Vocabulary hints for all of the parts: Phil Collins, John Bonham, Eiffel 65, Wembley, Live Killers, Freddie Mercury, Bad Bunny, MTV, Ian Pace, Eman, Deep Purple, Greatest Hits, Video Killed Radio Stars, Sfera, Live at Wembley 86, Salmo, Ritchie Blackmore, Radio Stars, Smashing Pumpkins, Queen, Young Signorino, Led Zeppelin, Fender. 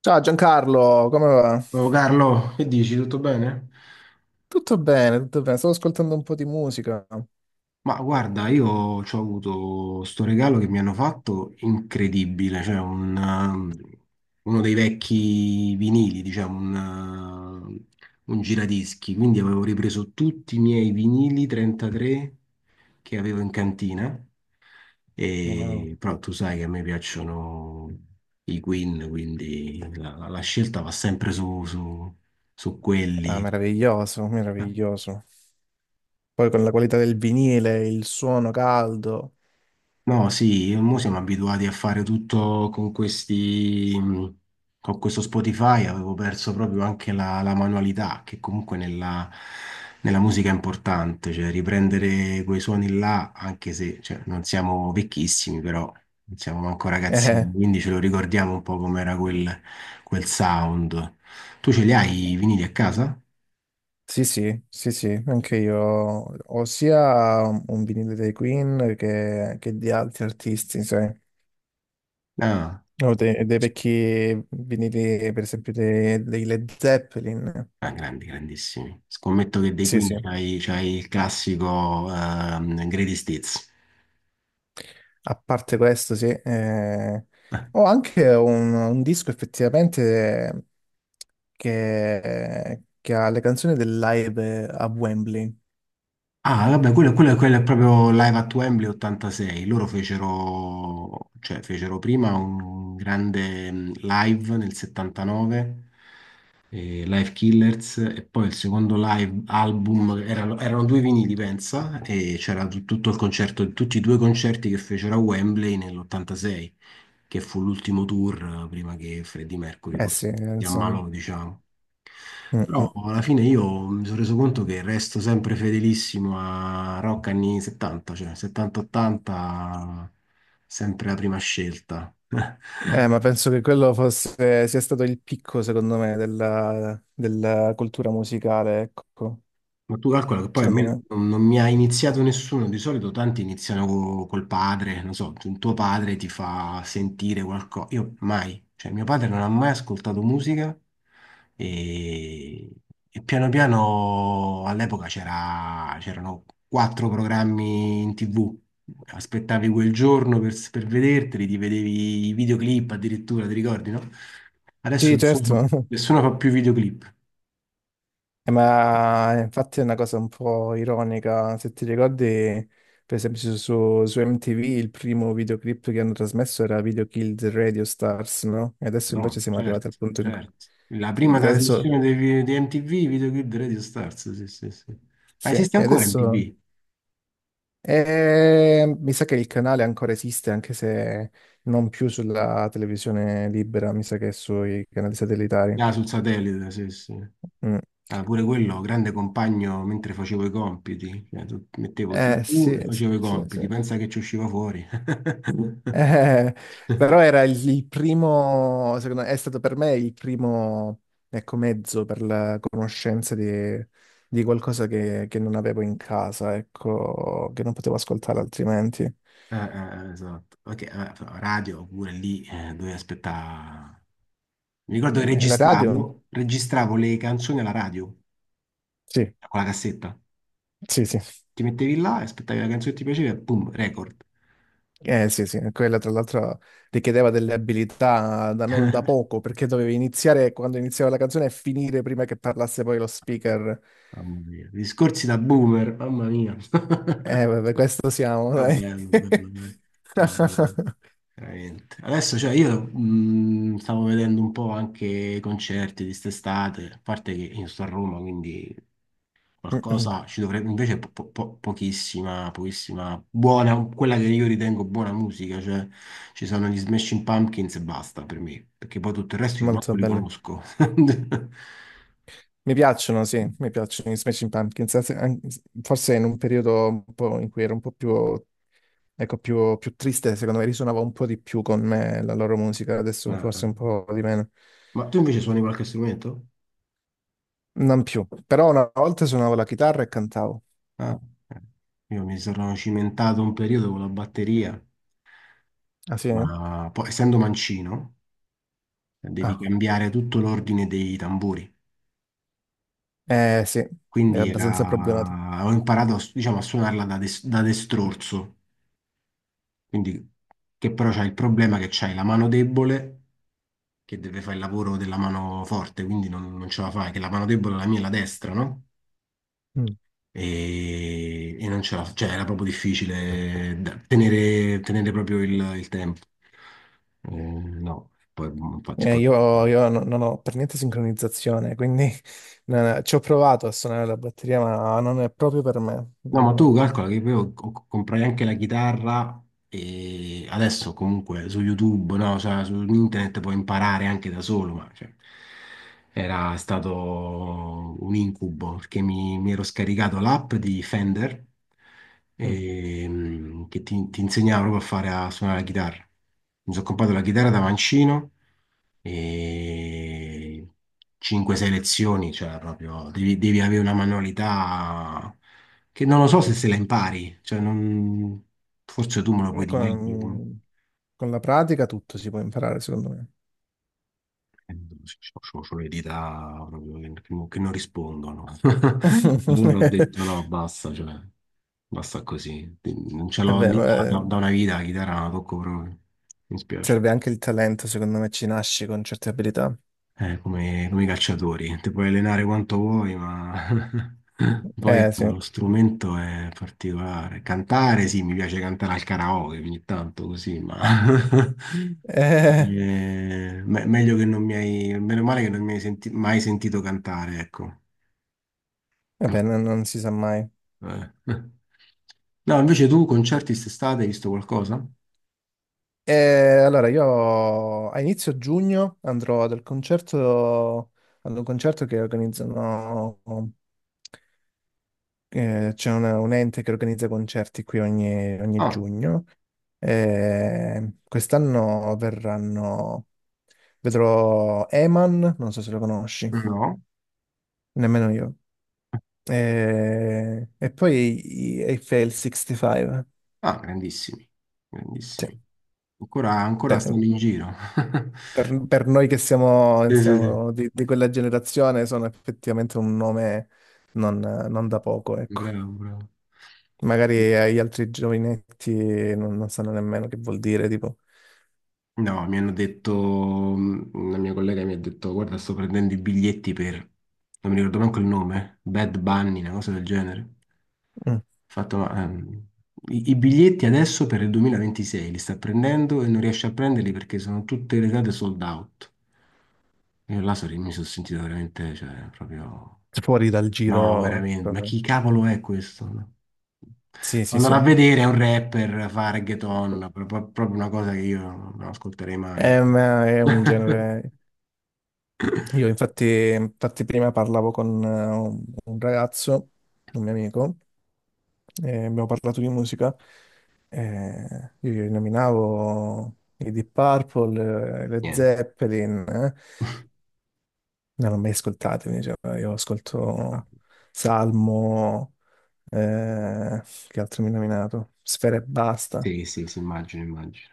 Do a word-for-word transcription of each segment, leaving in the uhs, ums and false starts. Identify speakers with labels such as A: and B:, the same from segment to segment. A: Ciao Giancarlo, come va?
B: Oh, Carlo, che dici? Tutto bene?
A: Tutto bene, tutto bene. Stavo ascoltando un po' di musica.
B: Ma guarda, io ho avuto sto regalo che mi hanno fatto incredibile, cioè un, um, uno dei vecchi vinili, diciamo, un, uh, un giradischi, quindi avevo ripreso tutti i miei vinili trentatré che avevo in cantina,
A: Wow.
B: e, però tu sai che a me piacciono i Queen, quindi la, la scelta va sempre su, su su
A: Ah,
B: quelli.
A: meraviglioso, meraviglioso. Poi con la qualità del vinile, il suono caldo.
B: No, sì, mo siamo abituati a fare tutto con questi, mh, con questo Spotify, avevo perso proprio anche la, la manualità, che comunque nella, nella musica è importante, cioè riprendere quei suoni là, anche se cioè, non siamo vecchissimi, però non siamo manco
A: Eh,
B: ragazzini, quindi ce lo ricordiamo un po' com'era quel, quel sound. Tu ce li hai i vinili a casa?
A: sì, sì, sì, sì, anche io ho sia un vinile dei Queen che, che di altri artisti, sai.
B: Ah.
A: Ho dei, dei vecchi vinili, per esempio, dei, dei Led Zeppelin.
B: Ah, grandi, grandissimi. Scommetto che dei
A: Sì,
B: Queen
A: sì.
B: c'hai, c'hai il classico ehm, Greatest Hits.
A: A parte questo, sì, eh,
B: Eh.
A: ho anche un, un disco effettivamente che, che ha le canzoni del live a Wembley.
B: Ah, vabbè, quello, quello- quello è proprio Live at Wembley ottantasei. Loro fecero, cioè, fecero prima un grande mm, live nel settantanove, eh, Live Killers, e poi il secondo live album erano, erano due vinili, pensa, e c'era tu- tutto il concerto, tutti i due concerti che fecero a Wembley nell'ottantasei, che fu l'ultimo tour eh, prima che Freddie Mercury
A: Eh
B: poi
A: sì,
B: si
A: insomma.
B: ammalò, diciamo.
A: Mm,
B: Però
A: mm.
B: alla fine io mi sono reso conto che resto sempre fedelissimo a rock anni settanta, cioè settanta, ottanta, sempre la prima scelta.
A: Eh, ma penso che quello fosse, sia stato il picco, secondo me, della, della cultura musicale, ecco,
B: Ma tu calcola che poi a
A: secondo
B: me
A: me.
B: non, non mi ha iniziato nessuno, di solito tanti iniziano co- col padre, non so, tu- tuo padre ti fa sentire qualcosa, io mai, cioè mio padre non ha mai ascoltato musica e, e piano piano all'epoca c'era- c'erano quattro programmi in T V, aspettavi quel giorno per, per vederteli, ti vedevi i videoclip addirittura, ti ricordi, no? Adesso
A: Sì, certo.
B: nessuno, nessuno fa più videoclip.
A: Eh, ma infatti è una cosa un po' ironica, se ti ricordi, per esempio su, su- su M T V il primo videoclip che hanno trasmesso era Video Killed Radio Stars, no? E adesso invece
B: No,
A: siamo
B: certo,
A: arrivati al punto in cui...
B: certo. La prima
A: Adesso,
B: trasmissione dei vi- di, M T V, videoclip di Radio Stars, sì, sì, sì. Ma
A: sì,
B: esiste
A: e
B: ancora
A: adesso...
B: M T V?
A: eh, mi sa che il canale ancora esiste, anche se non più sulla televisione libera, mi sa che è sui canali satellitari.
B: Ah, sul satellite, sì, sì.
A: Mm.
B: Ah, pure quello, grande compagno mentre facevo i compiti. Cioè, tu- mettevo
A: Eh
B: T V
A: sì,
B: e
A: sì,
B: facevo i
A: sì, sì.
B: compiti, pensa che ci usciva fuori.
A: Eh, però era il, il primo, secondo me, è stato per me il primo, ecco, mezzo per la conoscenza di, di qualcosa che, che non avevo in casa, ecco, che non potevo ascoltare altrimenti.
B: Ah, ah, esatto. Ok, ah, radio pure lì, eh, dove aspettare. Mi ricordo che
A: E la radio?
B: registravo, registravo le canzoni alla radio,
A: Sì,
B: con la cassetta.
A: sì, sì.
B: Ti mettevi là e aspettavi la canzone che ti piaceva e boom, record.
A: Eh, sì, sì, quella tra l'altro richiedeva delle abilità da non da poco, perché dovevi iniziare quando iniziava la canzone e finire prima che parlasse poi lo speaker.
B: Mamma mia, discorsi da boomer, mamma mia.
A: Eh, vabbè, questo siamo,
B: Però
A: dai.
B: bello, bello, bello. No, veramente. Veramente. Adesso, cioè, io mh, stavo vedendo un po' anche i concerti di quest'estate, a parte che io sto a Roma, quindi
A: Mm-mm.
B: qualcosa ci dovrebbe, invece po- po- po- pochissima, pochissima, buona, quella che io ritengo buona musica, cioè ci sono gli Smashing Pumpkins e basta per me, perché poi tutto il resto io
A: Molto
B: manco li
A: belli.
B: conosco.
A: Mi piacciono, sì, mi piacciono i Smashing Pumpkins. Anzi, an- forse in un periodo un po' in cui ero un po' più, ecco, più, più triste, secondo me risuonava un po' di più con me la loro musica, adesso
B: Ma,
A: forse un po' di meno.
B: ma tu invece suoni qualche strumento?
A: Non più. Però una volta suonavo la chitarra e cantavo.
B: Ah, eh. Io mi sono cimentato un periodo con la batteria,
A: Ah sì?
B: ma poi essendo mancino devi
A: Ah.
B: cambiare tutto l'ordine dei tamburi.
A: Eh sì, è
B: Quindi
A: abbastanza problematico.
B: era. Ho imparato a s- diciamo, a suonarla da, des- da destrorso, quindi che però c'è il problema che c'hai la mano debole che deve fare il lavoro della mano forte, quindi non, non ce la fai, che la mano debole è la mia, è la destra, no?
A: Mm.
B: e, e non ce la, cioè era proprio difficile da- tenere, tenere, proprio il, il tempo. Eh, no, poi infatti
A: Eh,
B: poi.
A: io io no- non ho per niente sincronizzazione, quindi no, no, ci ho provato a suonare la batteria, ma non è proprio per me.
B: No, ma
A: Non-
B: tu calcola che io ho- ho- comprai anche la chitarra e adesso comunque su YouTube, no, cioè, su internet puoi imparare anche da solo, ma cioè, era stato un incubo perché mi, mi ero scaricato l'app di Fender, ehm, che ti, ti, insegnava proprio a fare a suonare la chitarra. Mi sono comprato la chitarra da mancino e cinque selezioni, cioè proprio devi, devi avere una manualità che non lo so se se la impari, cioè non- forse tu me lo puoi dire meglio.
A: Con, con la pratica tutto si può imparare, secondo me.
B: Ho le dita proprio che, che non che non rispondono. Allora ho detto no, basta, cioè, basta così. Non ce
A: E
B: l'ho
A: beh,
B: lì
A: ma, eh,
B: da, da una vita, la chitarra non la tocco proprio. Mi spiace.
A: serve anche il talento, secondo me ci nasci con certe abilità.
B: eh, come, come i calciatori. Ti puoi allenare quanto vuoi, ma poi
A: Eh sì,
B: lo strumento è particolare. Cantare, sì, mi piace cantare al karaoke ogni tanto così, ma
A: eh,
B: eh, me- meglio che non mi hai, meno male che non mi hai senti- mai sentito cantare, ecco.
A: vabbè, non, non si sa mai.
B: Eh. No, invece tu concerti quest'estate hai visto qualcosa?
A: E allora io a inizio giugno andrò ad un concerto, ad un concerto che organizzano, eh, c'è una- un ente che organizza concerti qui ogni ogni
B: Ah,
A: giugno. Eh, quest'anno verranno. Vedrò Eman, non so se lo conosci,
B: no.
A: nemmeno io. E, e poi i- Eiffel sessantacinque.
B: Ah, grandissimi,
A: Cioè,
B: grandissimi. Ancora, ancora
A: per,
B: stanno in giro.
A: per- per noi che siamo,
B: Sì, sì, sì.
A: siamo di, di quella generazione sono effettivamente un nome non, non da poco, ecco.
B: Bravo, bravo.
A: Magari agli altri giovinetti non, non sanno nemmeno che vuol dire, tipo,
B: No, mi hanno detto, mh, una mia collega mi ha detto, guarda, sto prendendo i biglietti per, non mi ricordo manco il nome, Bad Bunny, una cosa del genere. Ho
A: mm,
B: fatto, ma, ehm, i, i, biglietti adesso per il duemilaventisei li sta prendendo e non riesce a prenderli perché sono tutte le date sold out. Io là so- mi sono sentito veramente, cioè, proprio.
A: fuori dal
B: No,
A: giro
B: veramente, ma
A: proprio.
B: chi cavolo è questo? No.
A: Sì, sì,
B: Andare
A: sì.
B: a vedere è un rapper, fa reggaeton, pro- pro- proprio una cosa che io non ascolterei mai.
A: Ehm, è, un genere. Io infatti, infatti prima parlavo con eh, un, un ragazzo, un mio amico, e abbiamo parlato di musica. E io gli nominavo i Deep Purple, eh, le
B: Niente.
A: Zeppelin, eh. Non l'ho mai ascoltato, mi diceva, io ascolto Salmo, eh, che altro mi ha nominato? Sfera e basta.
B: Sì, sì, sì, immagino, immagino.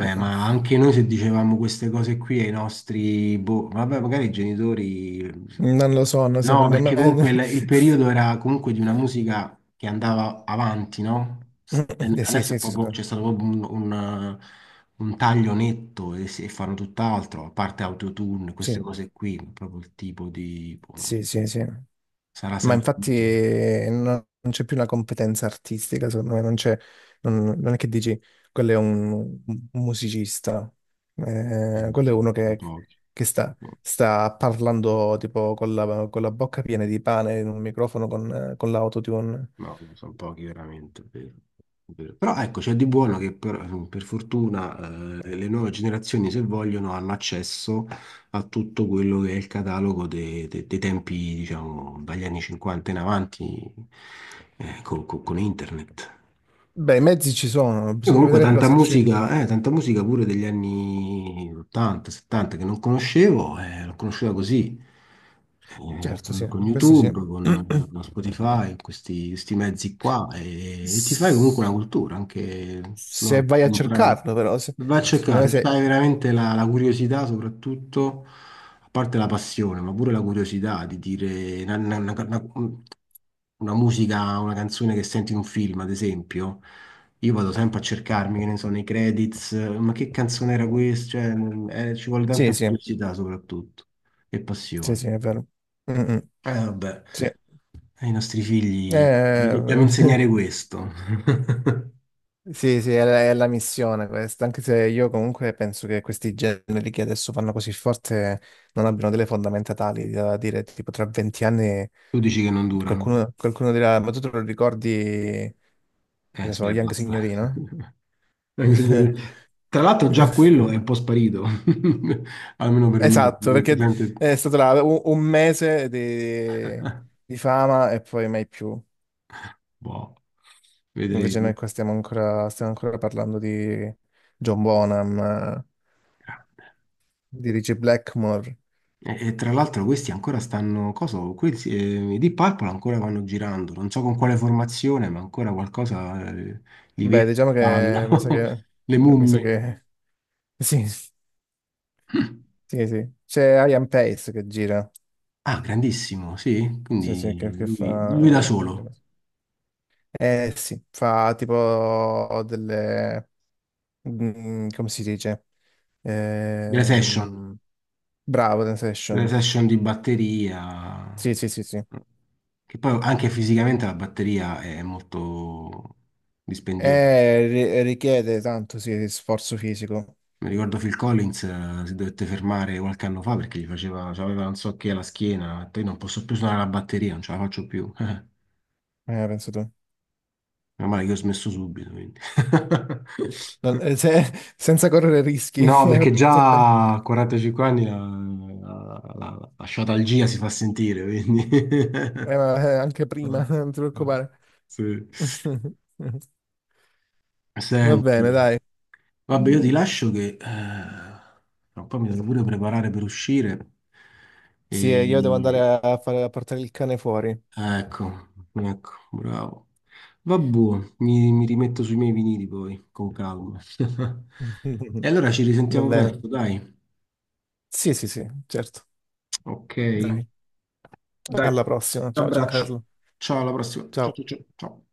A: Eh,
B: ma anche noi se dicevamo queste cose qui ai nostri, boh, vabbè, magari i genitori.
A: non lo so, no,
B: No,
A: secondo me...
B: perché comunque il, il periodo era comunque di una musica che andava avanti, no? S- e
A: Eh, sì,
B: Adesso è
A: sì, sì, sì,
B: proprio- c'è stato proprio un, un, un, taglio netto e, si- e fanno tutt'altro, a parte autotune, queste cose qui, proprio il tipo di, boh, no.
A: sì, sì, sì, sì.
B: Sarà
A: Ma
B: sempre
A: infatti
B: musica.
A: eh, non non c'è più una competenza artistica, secondo me, non c'è, non, non è che dici quello è un, un musicista.
B: Eh,
A: Eh, quello è
B: sono-
A: uno
B: sono
A: che,
B: pochi.
A: che sta, sta parlando tipo con la, con la bocca piena di pane in un microfono con, con l'autotune.
B: No, sono pochi veramente, vero, vero. Però ecco, c'è di buono che per, per fortuna, eh, le nuove generazioni, se vogliono, hanno accesso a tutto quello che è il catalogo de- de- dei tempi, diciamo, dagli anni cinquanta in avanti, eh, co- co- con, internet.
A: Beh, i mezzi ci sono,
B: Io
A: bisogna
B: comunque
A: vedere però
B: tanta
A: se c'è...
B: musica, eh, tanta musica pure degli anni ottanta, settanta che non conoscevo, eh, l'ho conosciuta così, eh,
A: Certo,
B: con,
A: sì,
B: con
A: questo sì.
B: YouTube, con, con Spotify, questi, questi mezzi qua, e, e ti fai comunque
A: S-
B: una cultura, anche
A: se
B: no,
A: vai a
B: un brano.
A: cercarlo, però, se-
B: Va a
A: secondo me
B: cercare, se
A: se...
B: hai veramente la, la, curiosità soprattutto, a parte la passione, ma pure la curiosità di dire, una, una musica, una canzone che senti in un film, ad esempio, io vado sempre a cercarmi, che ne so, nei credits, eh, ma che canzone era questa? Cioè, mm, eh, ci vuole
A: Sì,
B: tanta
A: sì,
B: curiosità soprattutto e
A: sì,
B: passione.
A: sì, è vero. Mm, mm.
B: Eh, vabbè,
A: Sì, eh,
B: ai nostri figli gli dobbiamo insegnare questo.
A: sì, sì, è la, è la missione questa, anche se io comunque penso che questi generi che adesso fanno così forte non abbiano delle fondamenta tali da dire tipo tra venti anni
B: Tu dici che non durano.
A: qualcuno, qualcuno dirà, ma tu te lo ricordi, che
B: Eh,
A: ne so,
B: spera, e
A: Young
B: basta.
A: Signorino?
B: Anche signori- Tra l'altro già quello è un po' sparito, almeno per me,
A: Esatto,
B: non si
A: perché
B: sente.
A: è stato là un, un mese di, di fama e poi mai più.
B: Boh,
A: Invece noi
B: vedremo.
A: qua stiamo ancora, stiamo ancora parlando di John Bonham, eh, di Ritchie Blackmore.
B: E, e tra l'altro questi ancora stanno, cosa, questi, eh, i Deep Purple ancora vanno girando, non so con quale formazione, ma ancora qualcosa, eh, li
A: Beh,
B: vedo,
A: diciamo che
B: fanno,
A: mi sa che... eh,
B: le
A: mi sa
B: mummie.
A: che... Sì, sì, sì. C'è Ian Pace che gira.
B: Ah, grandissimo, sì,
A: Sì, sì, che,
B: quindi
A: che
B: lui, lui, da
A: fa... fa delle
B: solo,
A: cose. Eh sì, fa tipo delle... mm, come si dice?
B: delle session,
A: Ehm, bravo,
B: delle
A: Sensation.
B: session di batteria,
A: Sì, sì, sì, sì.
B: che poi anche fisicamente la batteria è molto dispendiosa.
A: Eh, ri- richiede tanto, sì, sforzo fisico.
B: Mi ricordo Phil Collins, eh, si dovette fermare qualche anno fa perché gli faceva, cioè, aveva non so che alla schiena, poi non posso più suonare la batteria, non ce la faccio più. Meno
A: Eh, penso tu.
B: male che ho smesso subito, quindi.
A: Non- eh, se- senza correre rischi,
B: No,
A: hai
B: perché
A: fatto bene.
B: già a quarantacinque anni la, la, la, la, sciatalgia si fa sentire, quindi.
A: Eh, ma, eh, anche prima, non ti preoccupare.
B: Sì.
A: Va bene,
B: Senti,
A: dai.
B: vabbè, io ti lascio che eh, tra un po' mi devo pure preparare per uscire
A: Sì, eh, io devo andare
B: e.
A: a, a fare- a portare il cane fuori.
B: Ecco, ecco, bravo. Vabbù, mi, mi, rimetto sui miei vinili poi, con calma. E allora ci
A: Va
B: risentiamo
A: bene.
B: presto, dai.
A: Sì, sì, sì, certo.
B: Ok,
A: Dai.
B: dai,
A: Alla prossima. Ciao
B: abbraccio.
A: Giancarlo.
B: Ciao, alla prossima. Ciao,
A: Ciao.
B: ciao, ciao, ciao.